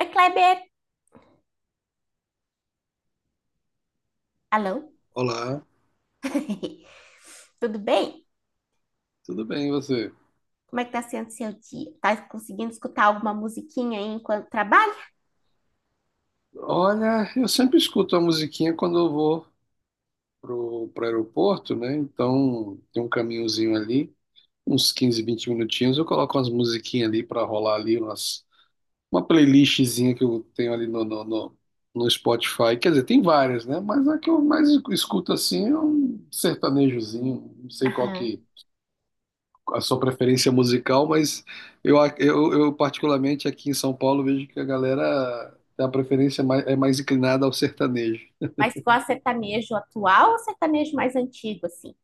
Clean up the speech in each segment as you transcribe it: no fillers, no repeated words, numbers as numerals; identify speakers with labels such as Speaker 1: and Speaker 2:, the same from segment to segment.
Speaker 1: Oi, Kleber! Alô?
Speaker 2: Olá,
Speaker 1: Tudo bem?
Speaker 2: tudo bem e você?
Speaker 1: Como é que tá sendo seu dia? Tá conseguindo escutar alguma musiquinha aí enquanto trabalha?
Speaker 2: Olha, eu sempre escuto a musiquinha quando eu vou pro aeroporto, né? Então tem um caminhozinho ali, uns 15, 20 minutinhos, eu coloco umas musiquinhas ali pra rolar ali, umas, uma playlistzinha que eu tenho ali no Spotify. Quer dizer, tem várias, né? Mas a que eu mais escuto assim é um sertanejozinho, não sei qual
Speaker 1: Aham.
Speaker 2: que, a sua preferência musical, mas eu particularmente aqui em São Paulo vejo que a galera tem a preferência mais, é mais inclinada ao sertanejo.
Speaker 1: Mas gosta de sertanejo atual ou sertanejo mais antigo, assim?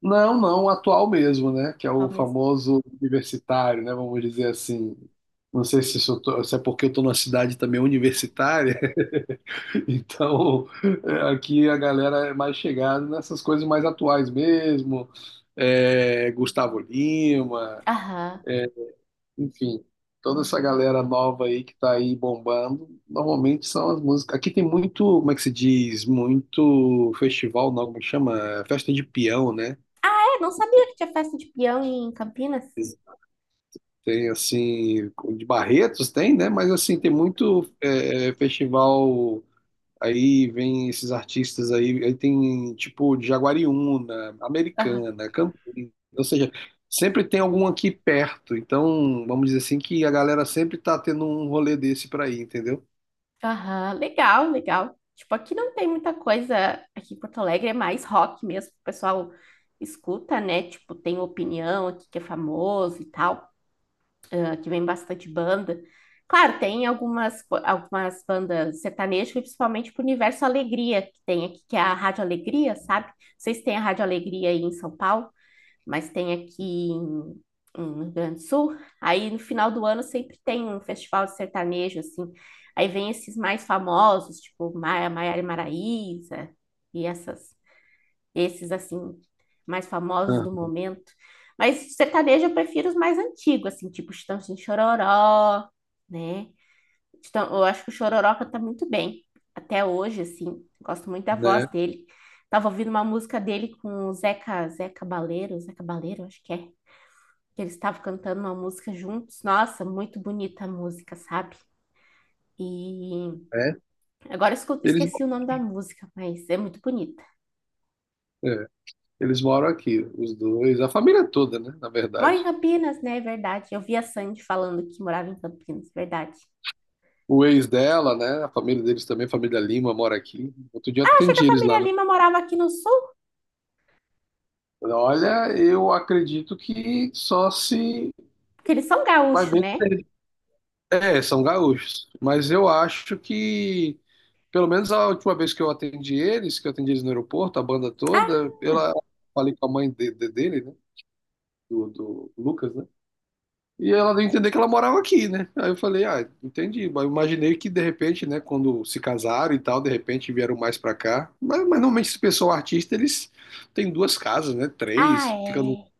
Speaker 2: Não, não, o atual mesmo, né? Que é o
Speaker 1: Ao mesmo.
Speaker 2: famoso universitário, né? Vamos dizer assim. Não sei se, se é porque eu tô numa cidade também universitária, então é, aqui a galera é mais chegada nessas coisas mais atuais mesmo. É, Gustavo Lima.
Speaker 1: Aham.
Speaker 2: Enfim, toda essa galera nova aí que tá aí bombando, normalmente são as músicas. Aqui tem muito, como é que se diz? Muito festival, não, como é que chama? Festa de peão, né?
Speaker 1: É, não sabia que tinha festa de peão em Campinas.
Speaker 2: Tem assim, de Barretos tem, né? Mas assim, tem muito festival aí, vem esses artistas aí, aí tem tipo de Jaguariúna,
Speaker 1: Aham.
Speaker 2: Americana, Campinas, ou seja, sempre tem algum aqui perto. Então, vamos dizer assim que a galera sempre tá tendo um rolê desse pra ir, entendeu?
Speaker 1: Aham, legal, legal. Tipo, aqui não tem muita coisa. Aqui em Porto Alegre é mais rock mesmo, que o pessoal escuta, né? Tipo, tem opinião aqui que é famoso e tal. Ah, que vem bastante banda. Claro, tem algumas bandas sertanejas, principalmente pro Universo Alegria, que tem aqui, que é a Rádio Alegria, sabe? Não sei se tem a Rádio Alegria aí em São Paulo, mas tem aqui em Rio Grande do Sul. Aí no final do ano sempre tem um festival de sertanejo, assim. Aí vem esses mais famosos, tipo Maiara e Maraíza e essas esses assim mais famosos
Speaker 2: Ah,
Speaker 1: do momento. Mas sertanejo eu prefiro os mais antigos, assim, tipo Chitãozinho e Chororó, né? Então eu acho que o Chororó canta muito bem, até hoje, assim, gosto muito da voz
Speaker 2: né?
Speaker 1: dele. Tava ouvindo uma música dele com o Zeca Baleiro, acho que é, que eles estavam cantando uma música juntos. Nossa, muito bonita a música, sabe? E
Speaker 2: É.
Speaker 1: agora eu
Speaker 2: Eles,
Speaker 1: esqueci o nome da música, mas é muito bonita.
Speaker 2: é, eles moram aqui, os dois, a família toda, né? Na
Speaker 1: Mora em
Speaker 2: verdade.
Speaker 1: Campinas, né? É verdade. Eu vi a Sandy falando que morava em Campinas, verdade.
Speaker 2: O ex dela, né? A família deles também, a família Lima, mora aqui. Outro dia eu
Speaker 1: Ah, achei que a
Speaker 2: atendi eles
Speaker 1: família
Speaker 2: lá, né?
Speaker 1: Lima morava aqui no sul,
Speaker 2: Olha, eu acredito que só se
Speaker 1: porque eles são
Speaker 2: vai
Speaker 1: gaúchos,
Speaker 2: ver.
Speaker 1: né?
Speaker 2: É, são gaúchos. Mas eu acho que, pelo menos a última vez que eu atendi eles, que eu atendi eles no aeroporto, a banda toda,
Speaker 1: Ah,
Speaker 2: eu falei com a mãe dele, né? Do Lucas, né? E ela deu a entender que ela morava aqui, né? Aí eu falei, ah, entendi. Mas eu imaginei que de repente, né, quando se casaram e tal, de repente vieram mais pra cá. Mas normalmente esse pessoal artista, eles têm duas casas, né? Três, fica no
Speaker 1: é.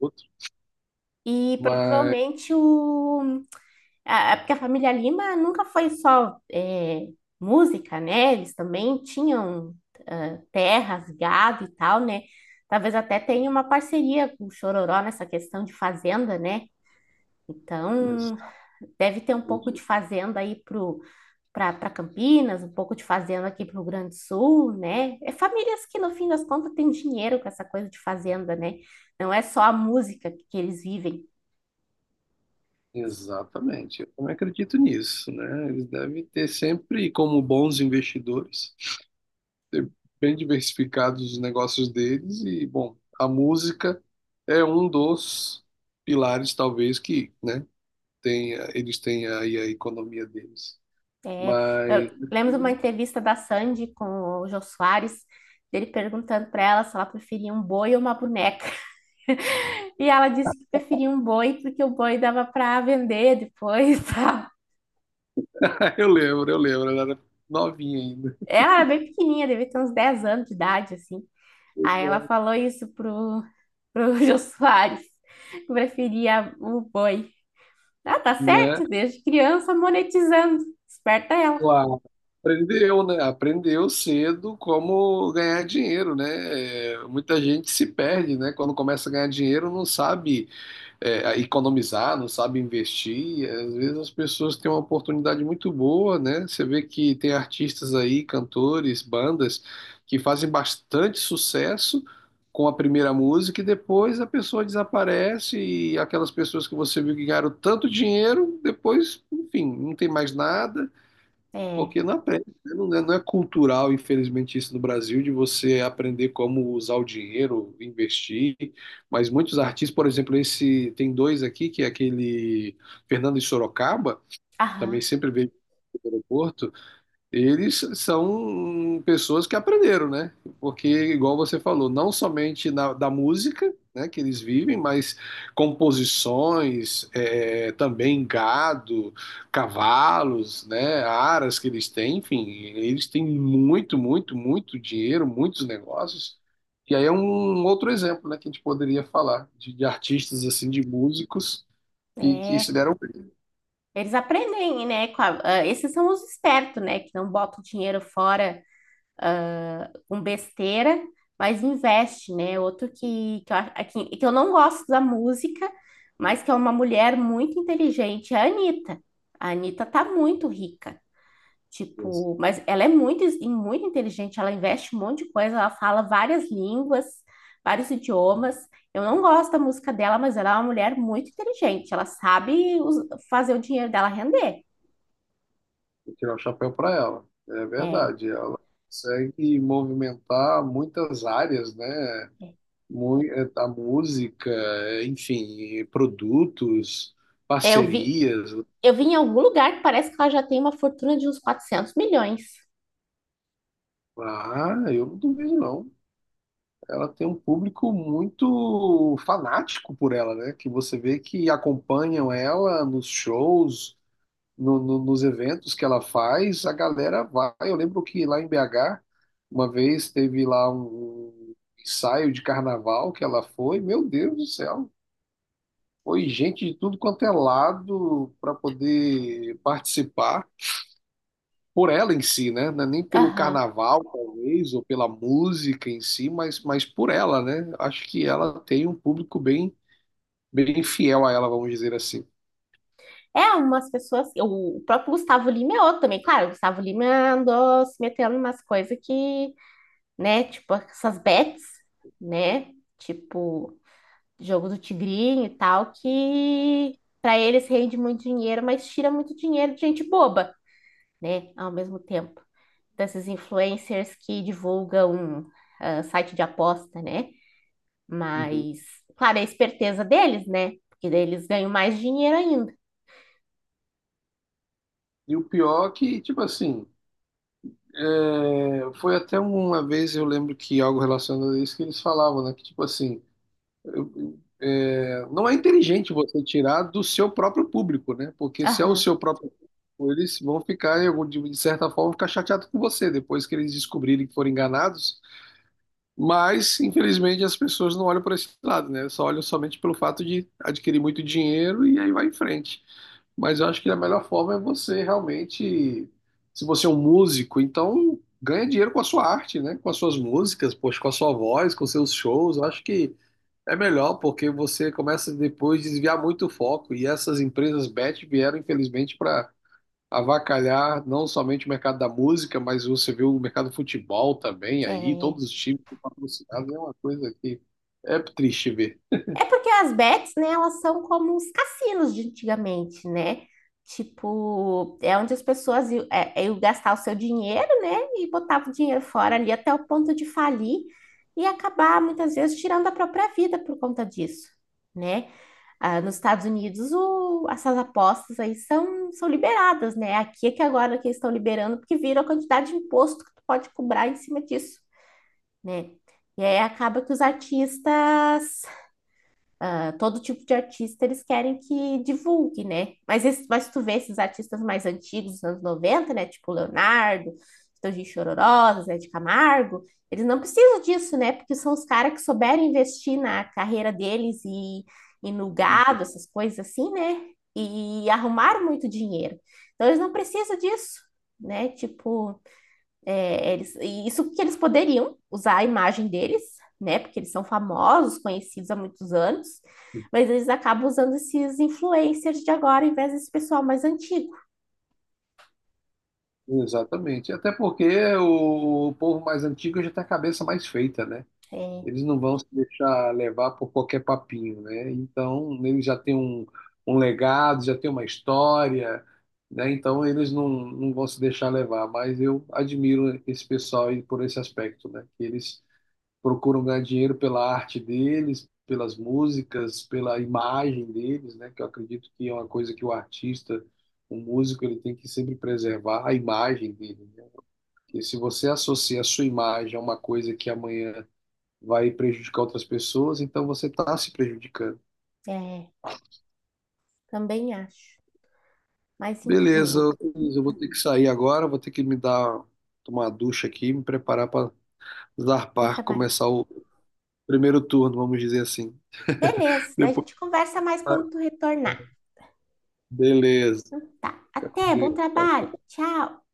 Speaker 2: outro.
Speaker 1: E
Speaker 2: Mas
Speaker 1: provavelmente o. Ah, porque a família Lima nunca foi só música, né? Eles também tinham ah, terras, gado e tal, né? Talvez até tenha uma parceria com o Chororó nessa questão de fazenda, né? Então,
Speaker 2: exa-
Speaker 1: deve ter um pouco de fazenda aí pro para Campinas, um pouco de fazenda aqui para o Rio Grande do Sul, né? É famílias que, no fim das contas, têm dinheiro com essa coisa de fazenda, né? Não é só a música que eles vivem.
Speaker 2: exatamente, eu também acredito nisso, né? Eles devem ter sempre, como bons investidores, ter bem diversificados os negócios deles e, bom, a música é um dos pilares, talvez, que, né? tem, eles têm aí a economia deles. Mas
Speaker 1: Eu lembro de uma entrevista da Sandy com o Jô Soares, dele perguntando para ela se ela preferia um boi ou uma boneca. E ela disse que preferia um boi porque o boi dava para vender depois, tá?
Speaker 2: eu lembro, ela era novinha ainda,
Speaker 1: Ela era bem pequenininha, devia ter uns 10 anos de idade, assim. Aí ela falou isso pro Jô Soares, que preferia o boi. Ah, tá
Speaker 2: né?
Speaker 1: certo, desde criança monetizando. Esperta ela.
Speaker 2: Claro, aprendeu, né? Aprendeu cedo como ganhar dinheiro, né? É, muita gente se perde, né? Quando começa a ganhar dinheiro, não sabe economizar, não sabe investir. Às vezes as pessoas têm uma oportunidade muito boa, né? Você vê que tem artistas aí, cantores, bandas, que fazem bastante sucesso com a primeira música e depois a pessoa desaparece e aquelas pessoas que você viu que ganharam tanto dinheiro, depois, enfim, não tem mais nada.
Speaker 1: É,
Speaker 2: Porque não aprende, né? Não é cultural, infelizmente, isso no Brasil, de você aprender como usar o dinheiro, investir. Mas muitos artistas, por exemplo, esse tem dois aqui, que é aquele Fernando de Sorocaba,
Speaker 1: aham,
Speaker 2: também sempre veio do aeroporto, eles são pessoas que aprenderam, né? Porque, igual você falou, não somente da música, né, que eles vivem, mas composições, também gado, cavalos, né, aras que eles têm, enfim, eles têm muito, muito, muito dinheiro, muitos negócios. E aí é um outro exemplo, né, que a gente poderia falar de artistas assim, de músicos que se
Speaker 1: é.
Speaker 2: deram
Speaker 1: Eles aprendem, né? Ah, esses são os espertos, né? Que não botam dinheiro fora com besteira, mas investe, né? Outro que eu não gosto da música, mas que é uma mulher muito inteligente, é a Anitta. A Anitta tá muito rica.
Speaker 2: bem.
Speaker 1: Tipo, mas ela é muito inteligente, ela investe um monte de coisa, ela fala várias línguas, vários idiomas. Eu não gosto da música dela, mas ela é uma mulher muito inteligente, ela sabe fazer o dinheiro dela render.
Speaker 2: Vou tirar o chapéu para ela. É
Speaker 1: É,
Speaker 2: verdade, ela consegue movimentar muitas áreas, né?
Speaker 1: é.
Speaker 2: A música, enfim, e produtos,
Speaker 1: É,
Speaker 2: parcerias.
Speaker 1: eu vi em algum lugar que parece que ela já tem uma fortuna de uns 400 milhões.
Speaker 2: Ah, eu não duvido, não. Ela tem um público muito fanático por ela, né? Que você vê que acompanham ela nos shows, nos eventos que ela faz, a galera vai. Eu lembro que lá em BH, uma vez teve lá um ensaio de carnaval que ela foi, meu Deus do céu, foi gente de tudo quanto é lado para poder participar. Por ela em si, né? Não é nem pelo
Speaker 1: Aham.
Speaker 2: carnaval, talvez, ou pela música em si, mas por ela, né? Acho que ela tem um público bem, bem fiel a ela, vamos dizer assim.
Speaker 1: É, umas pessoas. O próprio Gustavo Lima é outro também. Claro, o Gustavo Lima andou se metendo em umas coisas que, né, tipo, essas bets, né? Tipo, jogo do Tigrinho e tal, que para eles rende muito dinheiro, mas tira muito dinheiro de gente boba, né? Ao mesmo tempo, desses influencers que divulgam ah, site de aposta, né?
Speaker 2: Uhum.
Speaker 1: Mas, claro, é a esperteza deles, né? Porque daí eles ganham mais dinheiro ainda.
Speaker 2: E o pior é que, tipo assim, é, foi até uma vez, eu lembro que algo relacionado a isso que eles falavam, né? Que tipo assim, não é inteligente você tirar do seu próprio público, né? Porque se é o
Speaker 1: Aham.
Speaker 2: seu próprio público, eles vão ficar, de certa forma, ficar chateados com você. Depois que eles descobrirem que foram enganados, mas, infelizmente, as pessoas não olham por esse lado, né? Só olham somente pelo fato de adquirir muito dinheiro e aí vai em frente. Mas eu acho que a melhor forma é você realmente, se você é um músico, então ganha dinheiro com a sua arte, né? Com as suas músicas, poxa, com a sua voz, com seus shows. Eu acho que é melhor porque você começa depois a desviar muito o foco e essas empresas bet vieram, infelizmente, para avacalhar não somente o mercado da música, mas você vê o mercado do futebol também aí,
Speaker 1: É.
Speaker 2: todos os times patrocinados, é uma coisa que é triste ver.
Speaker 1: É porque as bets, né, elas são como os cassinos de antigamente, né? Tipo, é onde as pessoas iam, iam gastar o seu dinheiro, né? E botavam o dinheiro fora ali até o ponto de falir e acabar, muitas vezes, tirando a própria vida por conta disso, né? Ah, nos Estados Unidos, essas apostas aí são liberadas, né? Aqui é que agora que eles estão liberando, porque viram a quantidade de imposto que tu pode cobrar em cima disso, né? E aí acaba que os artistas ah, todo tipo de artista eles querem que divulgue, né? Mas, esse, mas tu vê esses artistas mais antigos, dos anos 90 né? Tipo Leonardo, Tangin Chororó, Zé de Camargo, eles não precisam disso, né? Porque são os caras que souberam investir na carreira deles e no gado, essas coisas assim, né? E arrumaram muito dinheiro. Então eles não precisam disso, né? Tipo, é, eles, e isso que eles poderiam usar a imagem deles, né? Porque eles são famosos, conhecidos há muitos anos, mas eles acabam usando esses influencers de agora em vez desse pessoal mais antigo.
Speaker 2: Exatamente. Até porque o povo mais antigo já tem a cabeça mais feita, né?
Speaker 1: É,
Speaker 2: Eles não vão se deixar levar por qualquer papinho, né? Então, eles já têm um, um legado, já têm uma história, né? Então, eles não vão se deixar levar. Mas eu admiro esse pessoal aí por esse aspecto, né? Que eles procuram ganhar dinheiro pela arte deles, pelas músicas, pela imagem deles, né? Que eu acredito que é uma coisa que o artista, o músico, ele tem que sempre preservar a imagem dele, né? Porque se você associa a sua imagem a uma coisa que amanhã vai prejudicar outras pessoas, então você está se prejudicando.
Speaker 1: é, também acho. Mas
Speaker 2: Beleza,
Speaker 1: enfim,
Speaker 2: Luiz, eu vou ter que sair agora, vou ter que me dar tomar uma ducha aqui, me preparar para
Speaker 1: vai
Speaker 2: zarpar,
Speaker 1: trabalhar.
Speaker 2: começar o primeiro turno, vamos dizer assim.
Speaker 1: Beleza, daí a
Speaker 2: Depois,
Speaker 1: gente conversa mais quando tu retornar,
Speaker 2: beleza.
Speaker 1: tá?
Speaker 2: Fica com
Speaker 1: Até, bom
Speaker 2: Deus.
Speaker 1: trabalho, tchau!